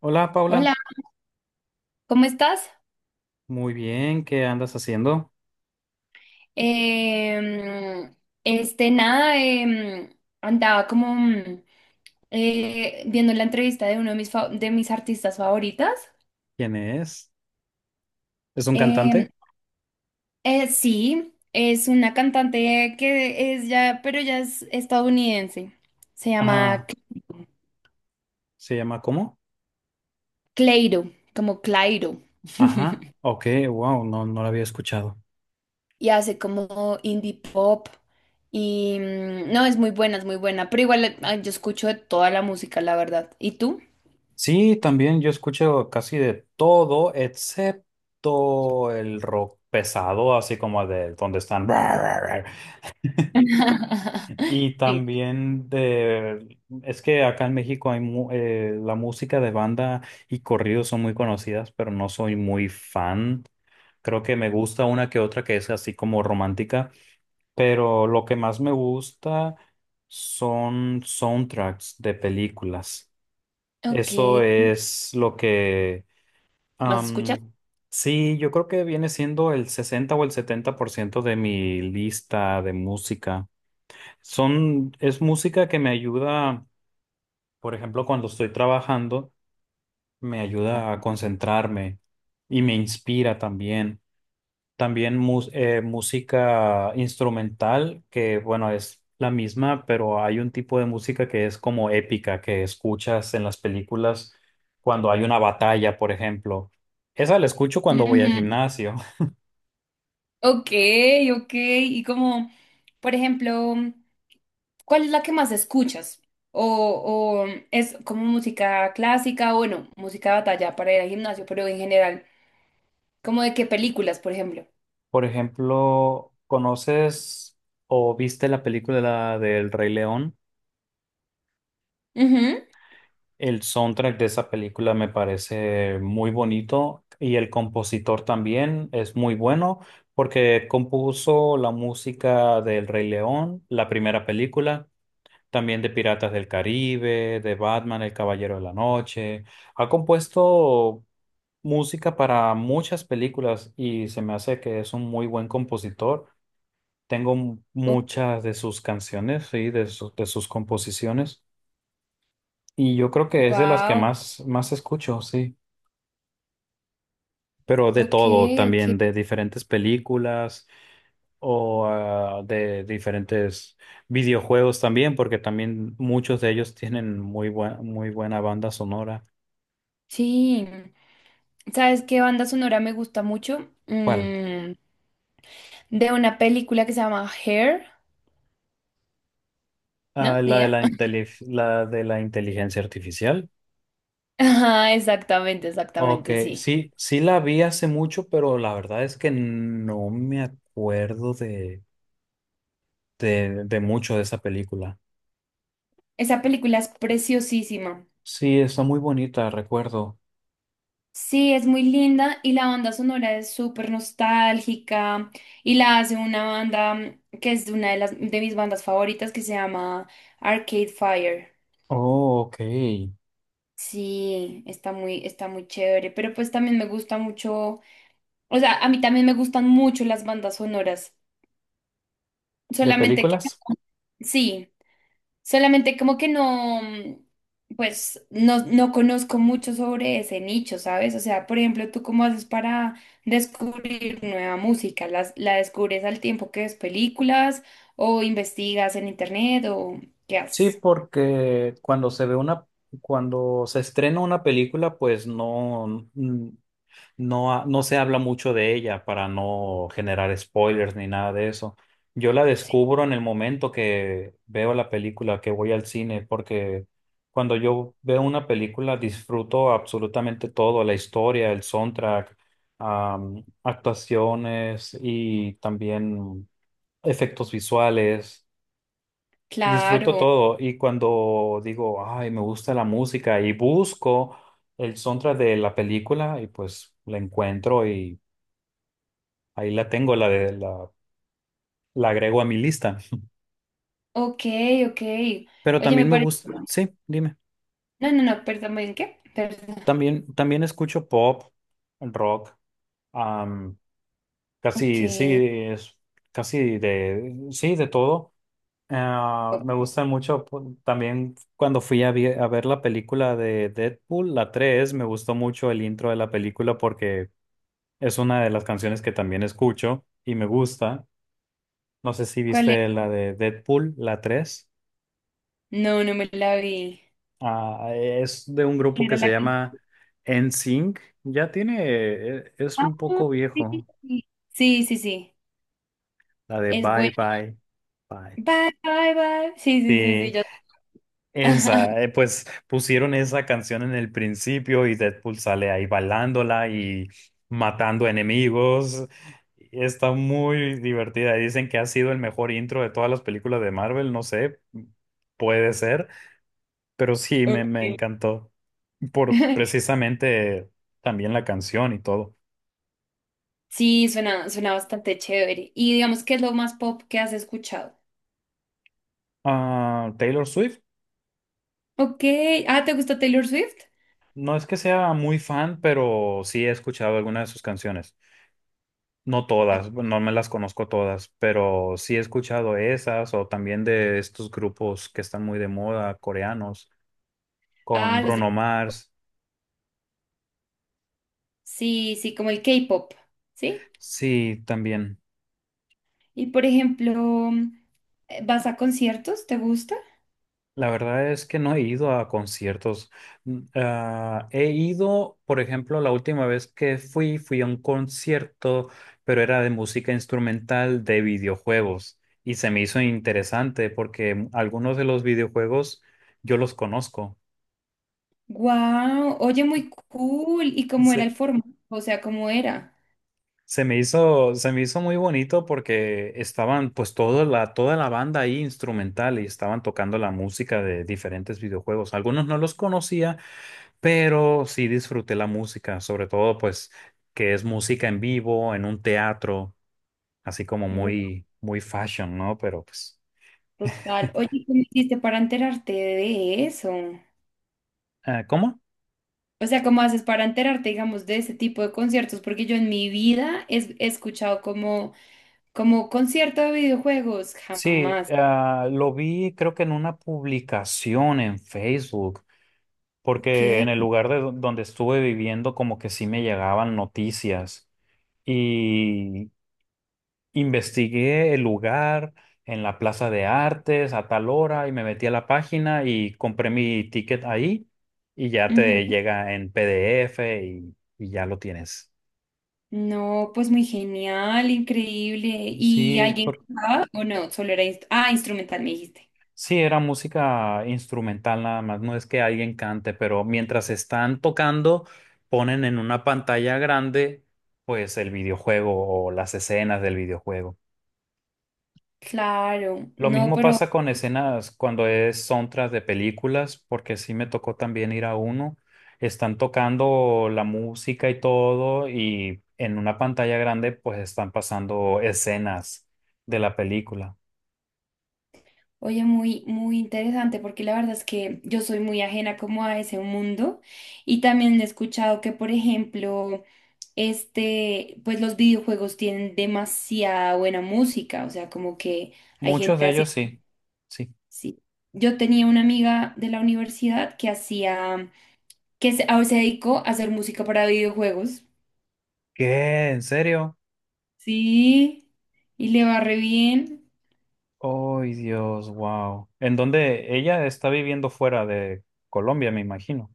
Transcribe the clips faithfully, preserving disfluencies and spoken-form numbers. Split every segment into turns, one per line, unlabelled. Hola
Hola,
Paula,
¿cómo estás?
muy bien, ¿qué andas haciendo?
Em, este, nada, em, andaba como mm, eh, viendo la entrevista de uno de mis, fa- de mis artistas favoritas.
¿Quién es? ¿Es un
Em,
cantante?
eh, sí, es una cantante que es ya, pero ya es estadounidense. Se llama
Ah,
Cl-
¿se llama cómo?
Cleiro, como Clairo,
Ajá, ok, wow, no, no lo había escuchado.
y hace como indie pop. Y mm, no, es muy buena, es muy buena, pero igual eh, yo escucho de toda la música, la verdad. ¿Y tú?
Sí, también yo escucho casi de todo, excepto el rock pesado, así como de donde están. Y
Sí.
también de, es que acá en México hay mu- eh, la música de banda y corridos son muy conocidas, pero no soy muy fan. Creo que me gusta una que otra que es así como romántica, pero lo que más me gusta son soundtracks de películas.
Ok.
Eso es lo que...
¿Más escuchas?
am, sí, yo creo que viene siendo el sesenta o el setenta por ciento de mi lista de música. Son, es música que me ayuda, por ejemplo, cuando estoy trabajando, me ayuda a concentrarme y me inspira también. También mus- eh, música instrumental, que bueno, es la misma, pero hay un tipo de música que es como épica, que escuchas en las películas cuando hay una batalla, por ejemplo. Esa la escucho cuando voy al
Ujú.
gimnasio.
Ok, ok. Y como, por ejemplo, ¿cuál es la que más escuchas? O, o es como música clásica, o bueno, música de batalla para ir al gimnasio, pero en general, como de qué películas, por ejemplo.
Por ejemplo, ¿conoces o viste la película del Rey León? El soundtrack de esa película me parece muy bonito y el compositor también es muy bueno porque compuso la música del Rey León, la primera película, también de Piratas del Caribe, de Batman, El Caballero de la Noche. Ha compuesto música para muchas películas y se me hace que es un muy buen compositor. Tengo muchas de sus canciones, sí, de sus de sus composiciones. Y yo creo que es de las que
Wow,
más, más escucho, sí. Pero de
ok,
todo
ok.
también, de diferentes películas o ah, de diferentes videojuegos también, porque también muchos de ellos tienen muy buena, muy buena banda sonora.
Sí. ¿Sabes qué banda sonora me gusta mucho?
¿Cuál?
Mm, de una película que se llama Hair,
Ah,
¿no? ¿Ni
la de
idea?
la inteli- la de la inteligencia artificial.
Ajá, exactamente,
Ok,
exactamente, sí.
sí, sí la vi hace mucho, pero la verdad es que no me acuerdo de, de, de mucho de esa película.
Esa película es preciosísima.
Sí, está muy bonita, recuerdo.
Sí, es muy linda y la banda sonora es súper nostálgica y la hace una banda mm, que es de una de las de mis bandas favoritas que se llama Arcade Fire.
Oh, ok.
Sí, está muy, está muy chévere, pero pues también me gusta mucho, o sea, a mí también me gustan mucho las bandas sonoras,
¿De
solamente que
películas?
sí. Solamente como que no, mm, pues no, no conozco mucho sobre ese nicho, ¿sabes? O sea, por ejemplo, ¿tú cómo haces para descubrir nueva música? ¿Las- ¿La, descubres al tiempo que ves películas o investigas en internet o qué
Sí,
haces?
porque cuando se ve una, cuando se estrena una película, pues no. No, ha- no se habla mucho de ella para no generar spoilers ni nada de eso. Yo la
Sí.
descubro en el momento que veo la película, que voy al cine, porque cuando yo veo una película disfruto absolutamente todo, la historia, el soundtrack, am, actuaciones y también efectos visuales. Disfruto
Claro,
todo y cuando digo, ay, me gusta la música y busco el soundtrack de la película y pues la encuentro y ahí la tengo, la de la, la agrego a mi lista.
ok, ok.
Pero
Oye, me
también me
parece...
gusta, sí, dime,
No, no, no, perdón, ¿en qué? Perdón.
también, también escucho pop, rock,
Ok,
casi, sí, es casi de, sí, de todo. Ah,
¿Cu-
me gusta mucho pu- también cuando fui a, vi- a ver la película de Deadpool, la tres me gustó mucho el intro de la película porque es una de las canciones que también escucho y me gusta. No sé si
¿cuál es?
viste la de Deadpool, la tres.
No, no me la vi.
Ah, es de un grupo
Era
que se
la que-
llama N SYNC. Ya tiene, e- es
Ah,
un poco
sí, sí,
viejo,
sí, sí, sí, sí.
la de
Es
Bye
bueno.
Bye Bye.
Bye, bye, bye. Sí, sí, sí, sí,
Sí,
ya.
esa, eh, pues pusieron esa canción en el principio y Deadpool sale ahí bailándola y matando enemigos. Está muy divertida. Dicen que ha sido el mejor intro de todas las películas de Marvel, no sé, puede ser, pero sí me, me
Okay.
encantó por precisamente también la canción y todo.
Sí, suena, suena bastante chévere. Y digamos, ¿qué es lo más pop que has escuchado?
Ah, Taylor Swift,
Ok. Ah, ¿te gusta Taylor Swift?
no es que sea muy fan, pero sí he escuchado algunas de sus canciones. No todas, no me las conozco todas, pero sí he escuchado esas o también de estos grupos que están muy de moda, coreanos, con
Ah, los de...
Bruno Mars.
Sí, sí, como el K-pop, ¿sí?
Sí, también.
Y por ejemplo, eh, ¿vas a conciertos? ¿Te gusta?
La verdad es que no he ido a conciertos. Mm, ah, he ido, por ejemplo, la última vez que fui, fui a un concierto, pero era de música instrumental de videojuegos y se me hizo interesante porque mm, algunos de los videojuegos yo los conozco.
Wow, oye, muy cool. ¿Y cómo era
Sí.
el formato? O sea, ¿cómo era?
Se me hizo, se me hizo muy bonito porque estaban pues toda la, toda la banda ahí instrumental y estaban tocando la música de diferentes videojuegos. Algunos no los conocía, pero sí disfruté la música, sobre todo pues que es música en vivo, en un teatro, así como muy, muy fashion, ¿no? Pero pues,
Total. Oye, ¿cómo hiciste para enterarte de eso?
eh, ¿cómo?
O sea, ¿cómo haces para enterarte, digamos, de ese tipo de conciertos? Porque yo en mi vida es- he escuchado como, como concierto de videojuegos,
Sí,
jamás.
ah, lo vi creo que en una publicación en Facebook, porque en
¿Qué?
el lugar de do- donde estuve viviendo como que sí me llegaban noticias y investigué el lugar en la Plaza de Artes a tal hora y me metí a la página y compré mi ticket ahí y ya
Ujú.
te llega en P D F y, y ya lo tienes.
No, pues muy genial, increíble. ¿Y
Sí,
alguien
por-
cantaba o no? Solo era, inst- ah, instrumental, me dijiste.
sí, era música instrumental nada más, no es que alguien cante, pero mientras están tocando, ponen en una pantalla grande pues el videojuego o las escenas del videojuego.
Claro,
Lo
no,
mismo
pero
pasa con escenas cuando es soundtrack de películas, porque sí me tocó también ir a uno. Están tocando la música y todo, y en una pantalla grande pues están pasando escenas de la película.
oye, muy, muy interesante porque la verdad es que yo soy muy ajena como a ese mundo y también he escuchado que, por ejemplo, este, pues los videojuegos tienen demasiada buena música, o sea, como que hay
Muchos
gente
de
así.
ellos sí. Sí.
Sí. Yo tenía una amiga de la universidad que hacía, que se, ahora se dedicó a hacer música para videojuegos.
¿Qué? ¿En serio?
Sí, y le va re bien.
¡Ay, Dios! ¡Wow! En donde ella está viviendo fuera de Colombia, me imagino.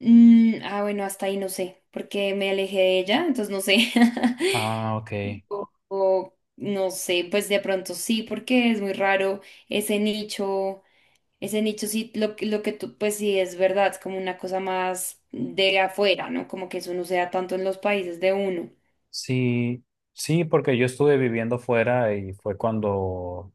Mm, ah, bueno, hasta ahí no sé, porque me alejé de ella, entonces no sé.
Ah, ok.
O, o no sé, pues de pronto sí, porque es muy raro ese nicho, ese nicho sí, lo, que- lo que tú, pues sí es verdad, es como una cosa más de afuera, ¿no? Como que eso no se da tanto en los países de uno.
Sí, sí, porque yo estuve viviendo fuera y fue cuando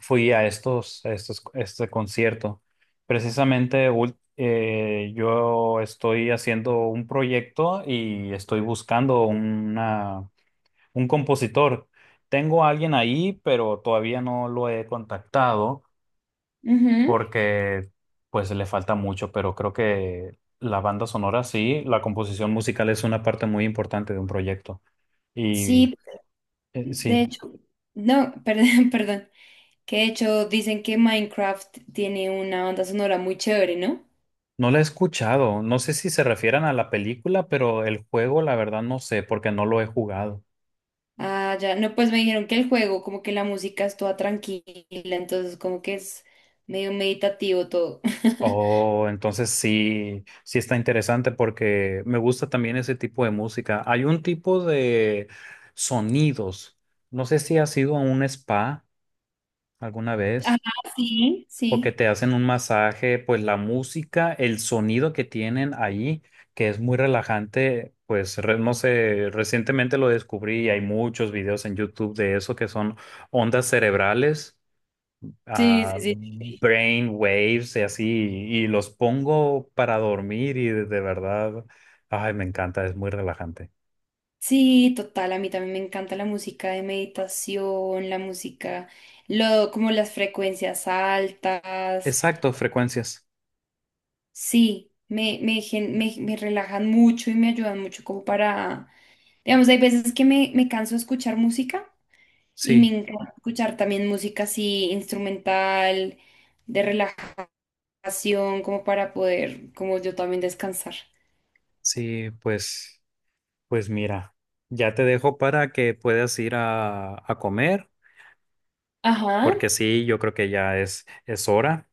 fui a estos, a estos, este concierto. Precisamente ul- eh, yo estoy haciendo un proyecto y estoy buscando una, un compositor. Tengo a alguien ahí, pero todavía no lo he contactado
Ujú.
porque pues le falta mucho, pero creo que la banda sonora sí, la composición musical es una parte muy importante de un proyecto. Y
Sí,
eh,
de
sí.
hecho, no, perdón, perdón, que de hecho dicen que Minecraft tiene una banda sonora muy chévere, ¿no?
No la he escuchado. No sé si se refieren a la película, pero el juego, la verdad, no sé, porque no lo he jugado.
Ah, ya, no, pues me dijeron que el juego, como que la música es toda tranquila, entonces como que es medio meditativo todo.
Oh, entonces sí, sí está interesante porque me gusta también ese tipo de música. Hay un tipo de sonidos. No sé si has ido a un spa alguna
Ajá,
vez,
sí,
o que
sí.
te hacen un masaje, pues la música, el sonido que tienen ahí, que es muy relajante, pues re- no sé, recientemente lo descubrí y hay muchos videos en YouTube de eso que son ondas cerebrales,
Sí, sí,
ah,
sí. Sí,
brain waves y así, y, los pongo para dormir y de, de verdad, ay, me encanta, es muy relajante.
sí, total, a mí también me encanta la música de meditación, la música, lo, como las frecuencias altas.
Exacto, frecuencias.
Sí, me, me, gen- me, me relajan mucho y me ayudan mucho como para, digamos, hay veces que me, me canso de escuchar música y me
Sí,
encanta escuchar también música así instrumental, de relajación, como para poder, como yo también descansar.
sí, pues, pues mira. Ya te dejo para que puedas ir a, a comer.
Ajá,
Porque sí, yo creo que ya es, es hora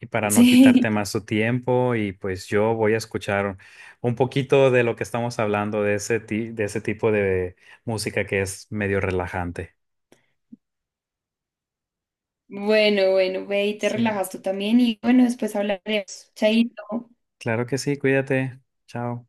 y para no
sí.
quitarte más tu tiempo y pues yo voy a escuchar un poquito de lo que estamos hablando de ese ti- de ese tipo de música que es medio relajante.
Bueno, bueno, ve y te
Sí,
relajas tú también y bueno, después hablaremos. Chaito.
claro que sí, cuídate. Chao.